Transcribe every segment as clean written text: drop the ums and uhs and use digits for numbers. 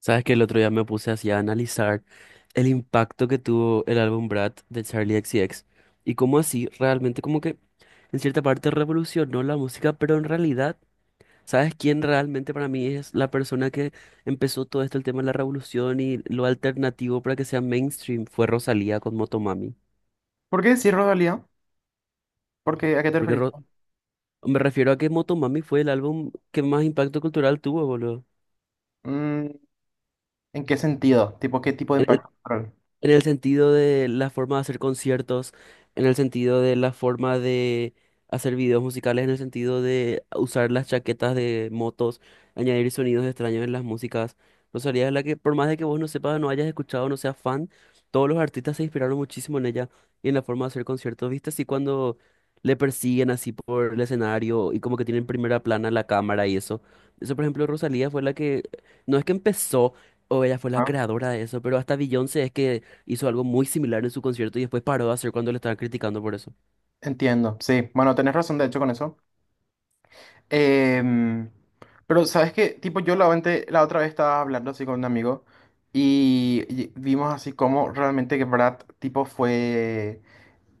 Sabes que el otro día me puse así a analizar el impacto que tuvo el álbum Brad de Charlie X C X y cómo así realmente como que en cierta parte revolucionó la música, pero en realidad, ¿sabes quién realmente para mí es la persona que empezó todo esto, el tema de la revolución y lo alternativo para que sea mainstream? Fue Rosalía con Motomami. ¿Por qué decir Rodalía? Porque, ¿a qué te Porque referís? Me refiero a que Motomami fue el álbum que más impacto cultural tuvo, boludo. Mm, ¿en qué sentido? ¿Tipo qué tipo de impacto cultural? En el sentido de la forma de hacer conciertos, en el sentido de la forma de hacer videos musicales, en el sentido de usar las chaquetas de motos, añadir sonidos extraños en las músicas. Rosalía es la que, por más de que vos no sepas, no hayas escuchado, no seas fan, todos los artistas se inspiraron muchísimo en ella y en la forma de hacer conciertos. ¿Viste así cuando le persiguen así por el escenario y como que tienen primera plana la cámara y eso? Eso, por ejemplo, Rosalía fue la que, no es que empezó, o ella fue la Ah, creadora de eso, pero hasta Beyoncé es que hizo algo muy similar en su concierto y después paró de hacer cuando le estaban criticando por eso. entiendo, sí. Bueno, tenés razón de hecho con eso. Em, pero sabes que, tipo, la otra vez estaba hablando así con un amigo y vimos así como realmente que Brad, tipo, fue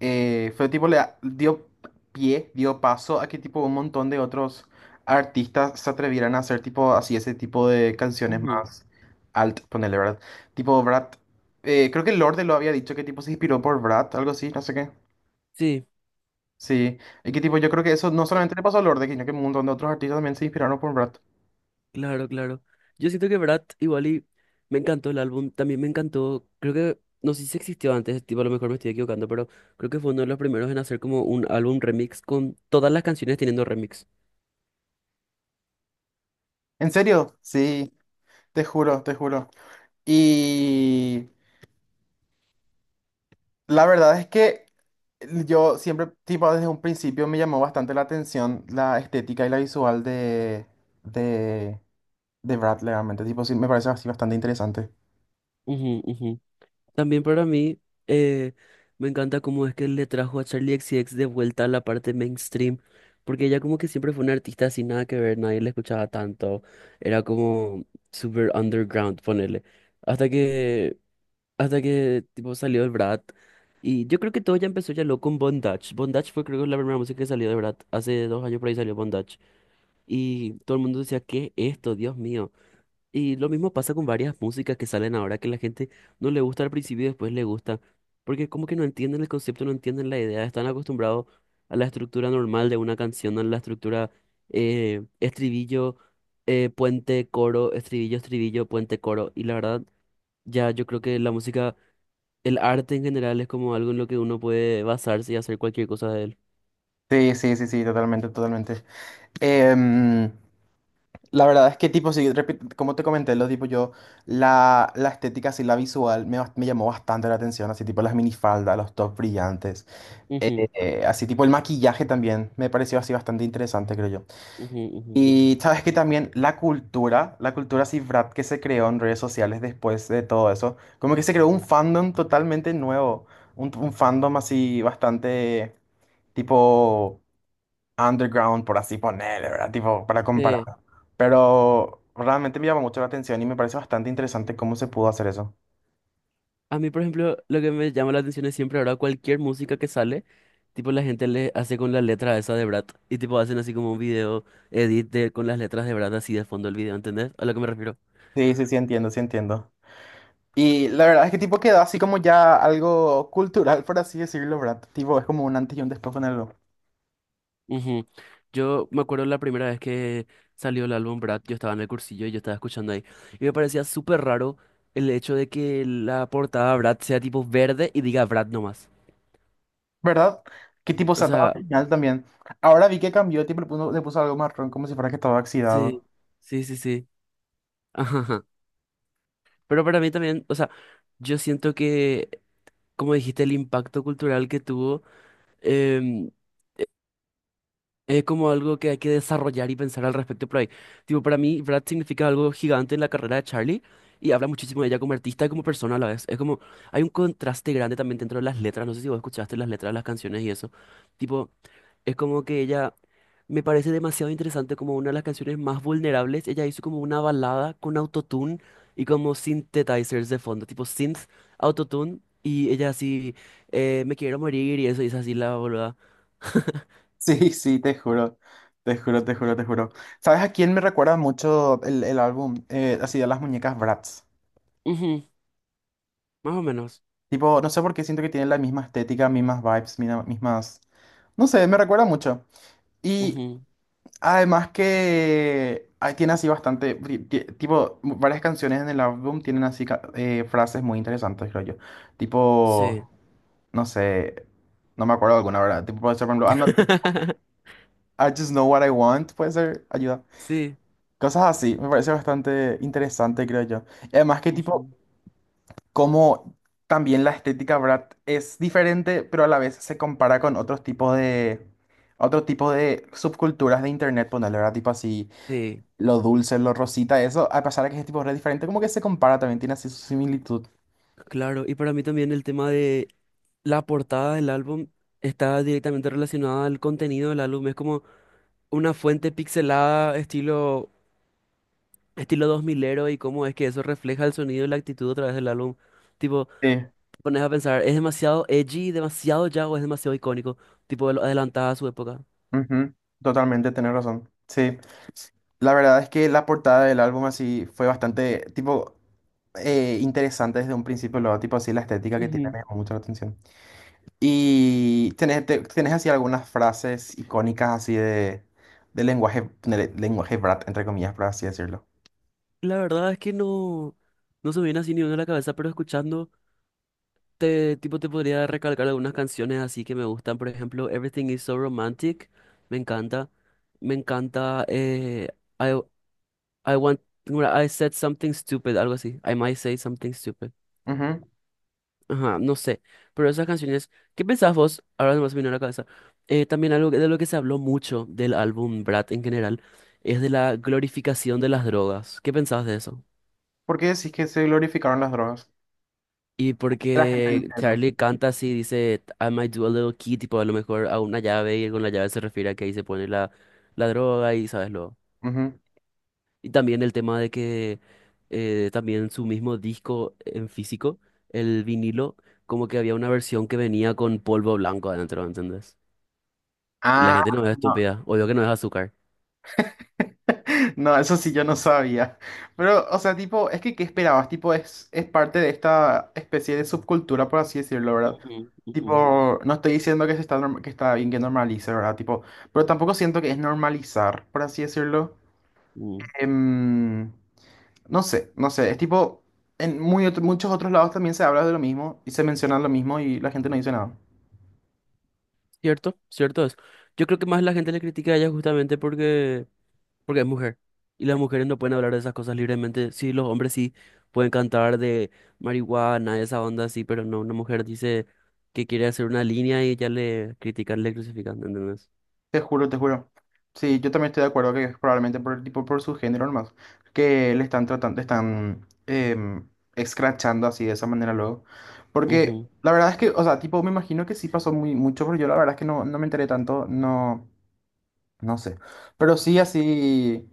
eh, fue tipo le dio pie, dio paso a que tipo un montón de otros artistas se atrevieran a hacer tipo así ese tipo de canciones Ujú. más alt, ponele, ¿verdad? Tipo Brat, creo que Lorde lo había dicho que tipo se inspiró por Brat, algo así, no sé qué. Sí, Sí, y que tipo yo creo que eso no solamente le pasó a Lorde, sino que un montón de otros artistas también se inspiraron por Brat. claro. Yo siento que Brat igual y me encantó el álbum, también me encantó, creo que, no sé si existió antes, tipo a lo mejor me estoy equivocando, pero creo que fue uno de los primeros en hacer como un álbum remix con todas las canciones teniendo remix. ¿En serio? Sí, te juro, te juro. Y la verdad es que yo siempre, tipo, desde un principio me llamó bastante la atención la estética y la visual de, de Brad, realmente. Tipo, sí, me parece así bastante interesante. Ujú. También para mí eh, me encanta cómo es que le trajo a Charlie XCX de vuelta a la parte mainstream, porque ella como que siempre fue una artista sin nada que ver, nadie la escuchaba tanto, era como super underground, ponele, hasta que, hasta que tipo salió el Brat, y yo creo que todo ya empezó ya lo con Bondage, Bondage fue creo que la primera música que salió de Brat, hace dos años por ahí salió Bondage, y todo el mundo decía, ¿qué es esto? Dios mío. Y lo mismo pasa con varias músicas que salen ahora que la gente no le gusta al principio y después le gusta, porque como que no entienden el concepto, no entienden la idea, están acostumbrados a la estructura normal de una canción, a la estructura estribillo, puente, coro, estribillo, estribillo, puente, coro. Y la verdad, ya yo creo que la música, el arte en general es como algo en lo que uno puede basarse y hacer cualquier cosa de él. Sí, sí, sí, sí, totalmente, totalmente. Em, la verdad es que, tipo, sí, como te comenté, lo tipo, yo, la estética, así, la visual, me llamó bastante la atención, así, tipo, las minifaldas, los tops brillantes, Ujú, así, tipo, el maquillaje también, me pareció así bastante interesante, creo yo. ujú. Y sabes que también la cultura cifrat que se creó en redes sociales después de todo eso, como que se creó un fandom totalmente nuevo, un fandom así bastante tipo underground, por así ponerle, ¿verdad? Tipo, para comparar. Sí. Pero realmente me llama mucho la atención y me parece bastante interesante cómo se pudo hacer eso. A mí, por ejemplo, lo que me llama la atención es siempre ahora cualquier música que sale, tipo la gente le hace con la letra esa de Brad y tipo hacen así como un video con las letras de Brad así de fondo del video, ¿entendés? A lo que me refiero. Sí, sí, sí, entiendo, sí, entiendo. Y la verdad es que tipo quedó así como ya algo cultural, por así decirlo, ¿verdad? Tipo, es como un antes y un después con algo. Ujú. Yo me acuerdo la primera vez que salió el álbum Brad, yo estaba en el cursillo y yo estaba escuchando ahí y me parecía súper raro el hecho de que la portada Brad sea tipo verde y diga Brad nomás. ¿Verdad? ¿Qué tipo O se ataba sea, también? Ahora vi que cambió, tipo, le puso algo marrón como si fuera que estaba oxidado. sí, sí. Ajá. Pero para mí también, o sea, yo siento que como dijiste, el impacto cultural que tuvo, em, es como algo que hay que desarrollar y pensar al respecto por ahí. Tipo, para mí, Brad significa algo gigante en la carrera de Charlie y habla muchísimo de ella como artista y como persona a la vez. Es como, hay un contraste grande también dentro de las letras. No sé si vos escuchaste las letras de las canciones y eso. Tipo, es como que ella me parece demasiado interesante como una de las canciones más vulnerables. Ella hizo como una balada con autotune y como synthetizers de fondo, tipo synth, autotune y ella así, me quiero morir y eso, y es así la boluda. Sí, sí, te juro. Te juro, te juro, te juro. ¿Sabes a quién me recuerda mucho el álbum? Así de las muñecas Bratz. Más o menos. Tipo, no sé por qué siento que tiene la misma estética, mismas vibes, mismas... No sé, me recuerda mucho. Y Ujú, además que ah, tiene así bastante... Tipo, varias canciones en el álbum tienen así frases muy interesantes, creo yo. sí. Tipo... no sé, no me acuerdo alguna, ¿verdad? Tipo, puede ser, por ejemplo, I'm not- I just know what I want, puede ser, ayuda. Sí. Cosas así, me parece bastante interesante, creo yo. Y además que tipo, Ujú, como también la estética, ¿verdad? Es diferente, pero a la vez se compara con otros tipos otro tipo de subculturas de internet, ponerle, ¿verdad? Tipo así, sí. lo dulce, lo rosita, eso, a pesar de que es tipo re diferente, como que se compara, también tiene así su similitud. Claro. Y para mí también el tema de la portada del álbum está directamente relacionada al contenido del álbum. Es como una fuente pixelada, estilo dos milero y cómo es que eso refleja el sonido y la actitud a través del álbum. Tipo, Sí, te pones a pensar, ¿es demasiado edgy, demasiado ya o es demasiado icónico? Tipo, adelantada a su época. ujú, totalmente, tenés razón. Sí. La verdad es que la portada del álbum así fue bastante, tipo, interesante desde un principio, luego, tipo, así la estética que tiene Ujú. me llamó mucho la atención. Y tenés así algunas frases icónicas así de lenguaje brat, entre comillas, por así decirlo. La verdad es que no, no se me viene así ni uno a la cabeza, pero escuchando. Tipo, te podría recalcar algunas canciones así que me gustan. Por ejemplo, Everything is so romantic. Me encanta. Me encanta. I, I want. No era, I said something stupid, algo así. I might say something stupid. Ujú. Ajá, no sé. Pero esas canciones. ¿Qué pensás vos? Ahora nomás me vino a la cabeza. También algo de lo que se habló mucho del álbum Brat en general es de la glorificación de las drogas. ¿Qué pensás de eso? ¿Por qué decís que se glorificaron las drogas? Y La gente dice porque eso. Charlie canta así, dice, I might do a little key, tipo a lo mejor a una llave, y con la llave se refiere a que ahí se pone la, la droga y sabes lo. Ujú. Y también el tema de que también su mismo disco en físico, el vinilo, como que había una versión que venía con polvo blanco adentro, ¿entendés? Y la Ah, gente no es no. estúpida, obvio que no es azúcar. No, eso sí yo no sabía. Pero, o sea, tipo, es que ¿qué esperabas? Tipo, es parte de esta especie de subcultura, por así decirlo, ¿verdad? Ujú, ujú, Tipo, no estoy diciendo que se está, que está bien que normalice, ¿verdad? Tipo, pero tampoco siento que es normalizar, por así decirlo. mm. Em, no sé, no sé. Es tipo, en muchos otros lados también se habla de lo mismo y se menciona lo mismo y la gente no dice nada. Cierto es. Yo creo que más la gente le critica a ella justamente porque es mujer. Y las mujeres no pueden hablar de esas cosas libremente. Sí, los hombres sí pueden cantar de marihuana, esa onda así, pero no, una mujer dice que quiere hacer una línea y ya le critican, le crucifican, ¿entendés? Te juro, te juro. Sí, yo también estoy de acuerdo que es probablemente por el tipo, por su género nomás, que le están tratando, escrachando así de esa manera luego. Porque Ujú, la verdad es que, o sea, tipo, me imagino que sí pasó muy mucho, pero yo la verdad es que no, no me enteré tanto, no, no sé. Pero sí así,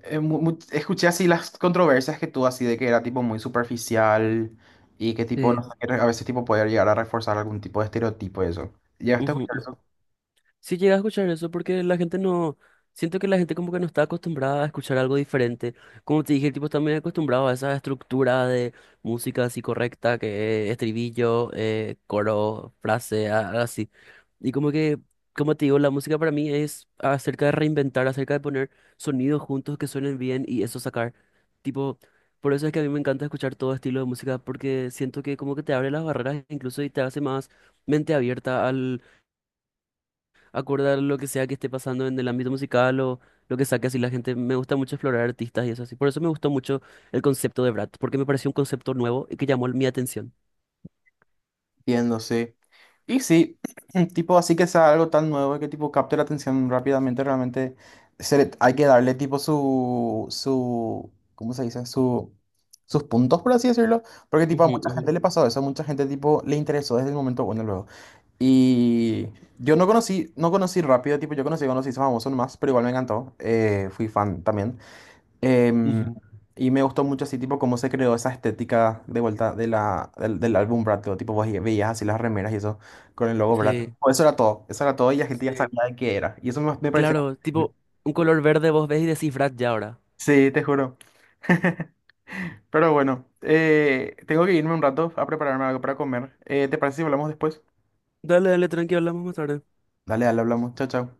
escuché así las controversias que tú así de que era tipo muy superficial y que tipo, no sí. sé, que a veces tipo poder llegar a reforzar algún tipo de estereotipo y eso. ¿Ya Ujú Sí llegué a escuchar eso porque la gente no, siento que la gente como que no está acostumbrada a escuchar algo diferente. Como te dije, el tipo está muy acostumbrado a esa estructura de música así correcta, que es estribillo, coro, frase, así. Y como que, como te digo, la música para mí es acerca de reinventar, acerca de poner sonidos juntos que suenen bien y eso sacar. Tipo, por eso es que a mí me encanta escuchar todo estilo de música porque siento que como que te abre las barreras incluso y te hace más mente abierta acorde a lo que sea que esté pasando en el ámbito musical o lo que saque así la gente. Me gusta mucho explorar artistas y eso así. Por eso me gustó mucho el concepto de Brat, porque me pareció un concepto nuevo y que llamó mi atención. Entiendo, sí. Y sí, tipo, así que sea algo tan nuevo que tipo capte la atención rápidamente, realmente hay que darle tipo su, ¿cómo se dice? Su, sus puntos, por así decirlo, porque tipo a Ujú, mucha ujú, gente le pasó eso, a mucha gente tipo le interesó desde el momento bueno luego. Y yo no conocí rápido, tipo, conocí famoso nomás, pero igual me encantó, fui fan también. Em, ujú. y me gustó mucho así, tipo, cómo se creó esa estética de vuelta de del álbum Brad, Pitt, tipo, vos veías así las remeras y eso con el logo Brad. Pitt. Sí, Pues eso era todo, eso era todo y la gente ya sí. sabía de qué era. Me pareció... Claro, tipo un color verde vos ves y decís Brat ya ahora. Sí, te juro. Pero bueno, tengo que irme un rato a prepararme algo para comer. ¿Te parece si hablamos después? Dale, tranqui, hablamos más tarde. Dale, dale, hablamos. Chao, chao.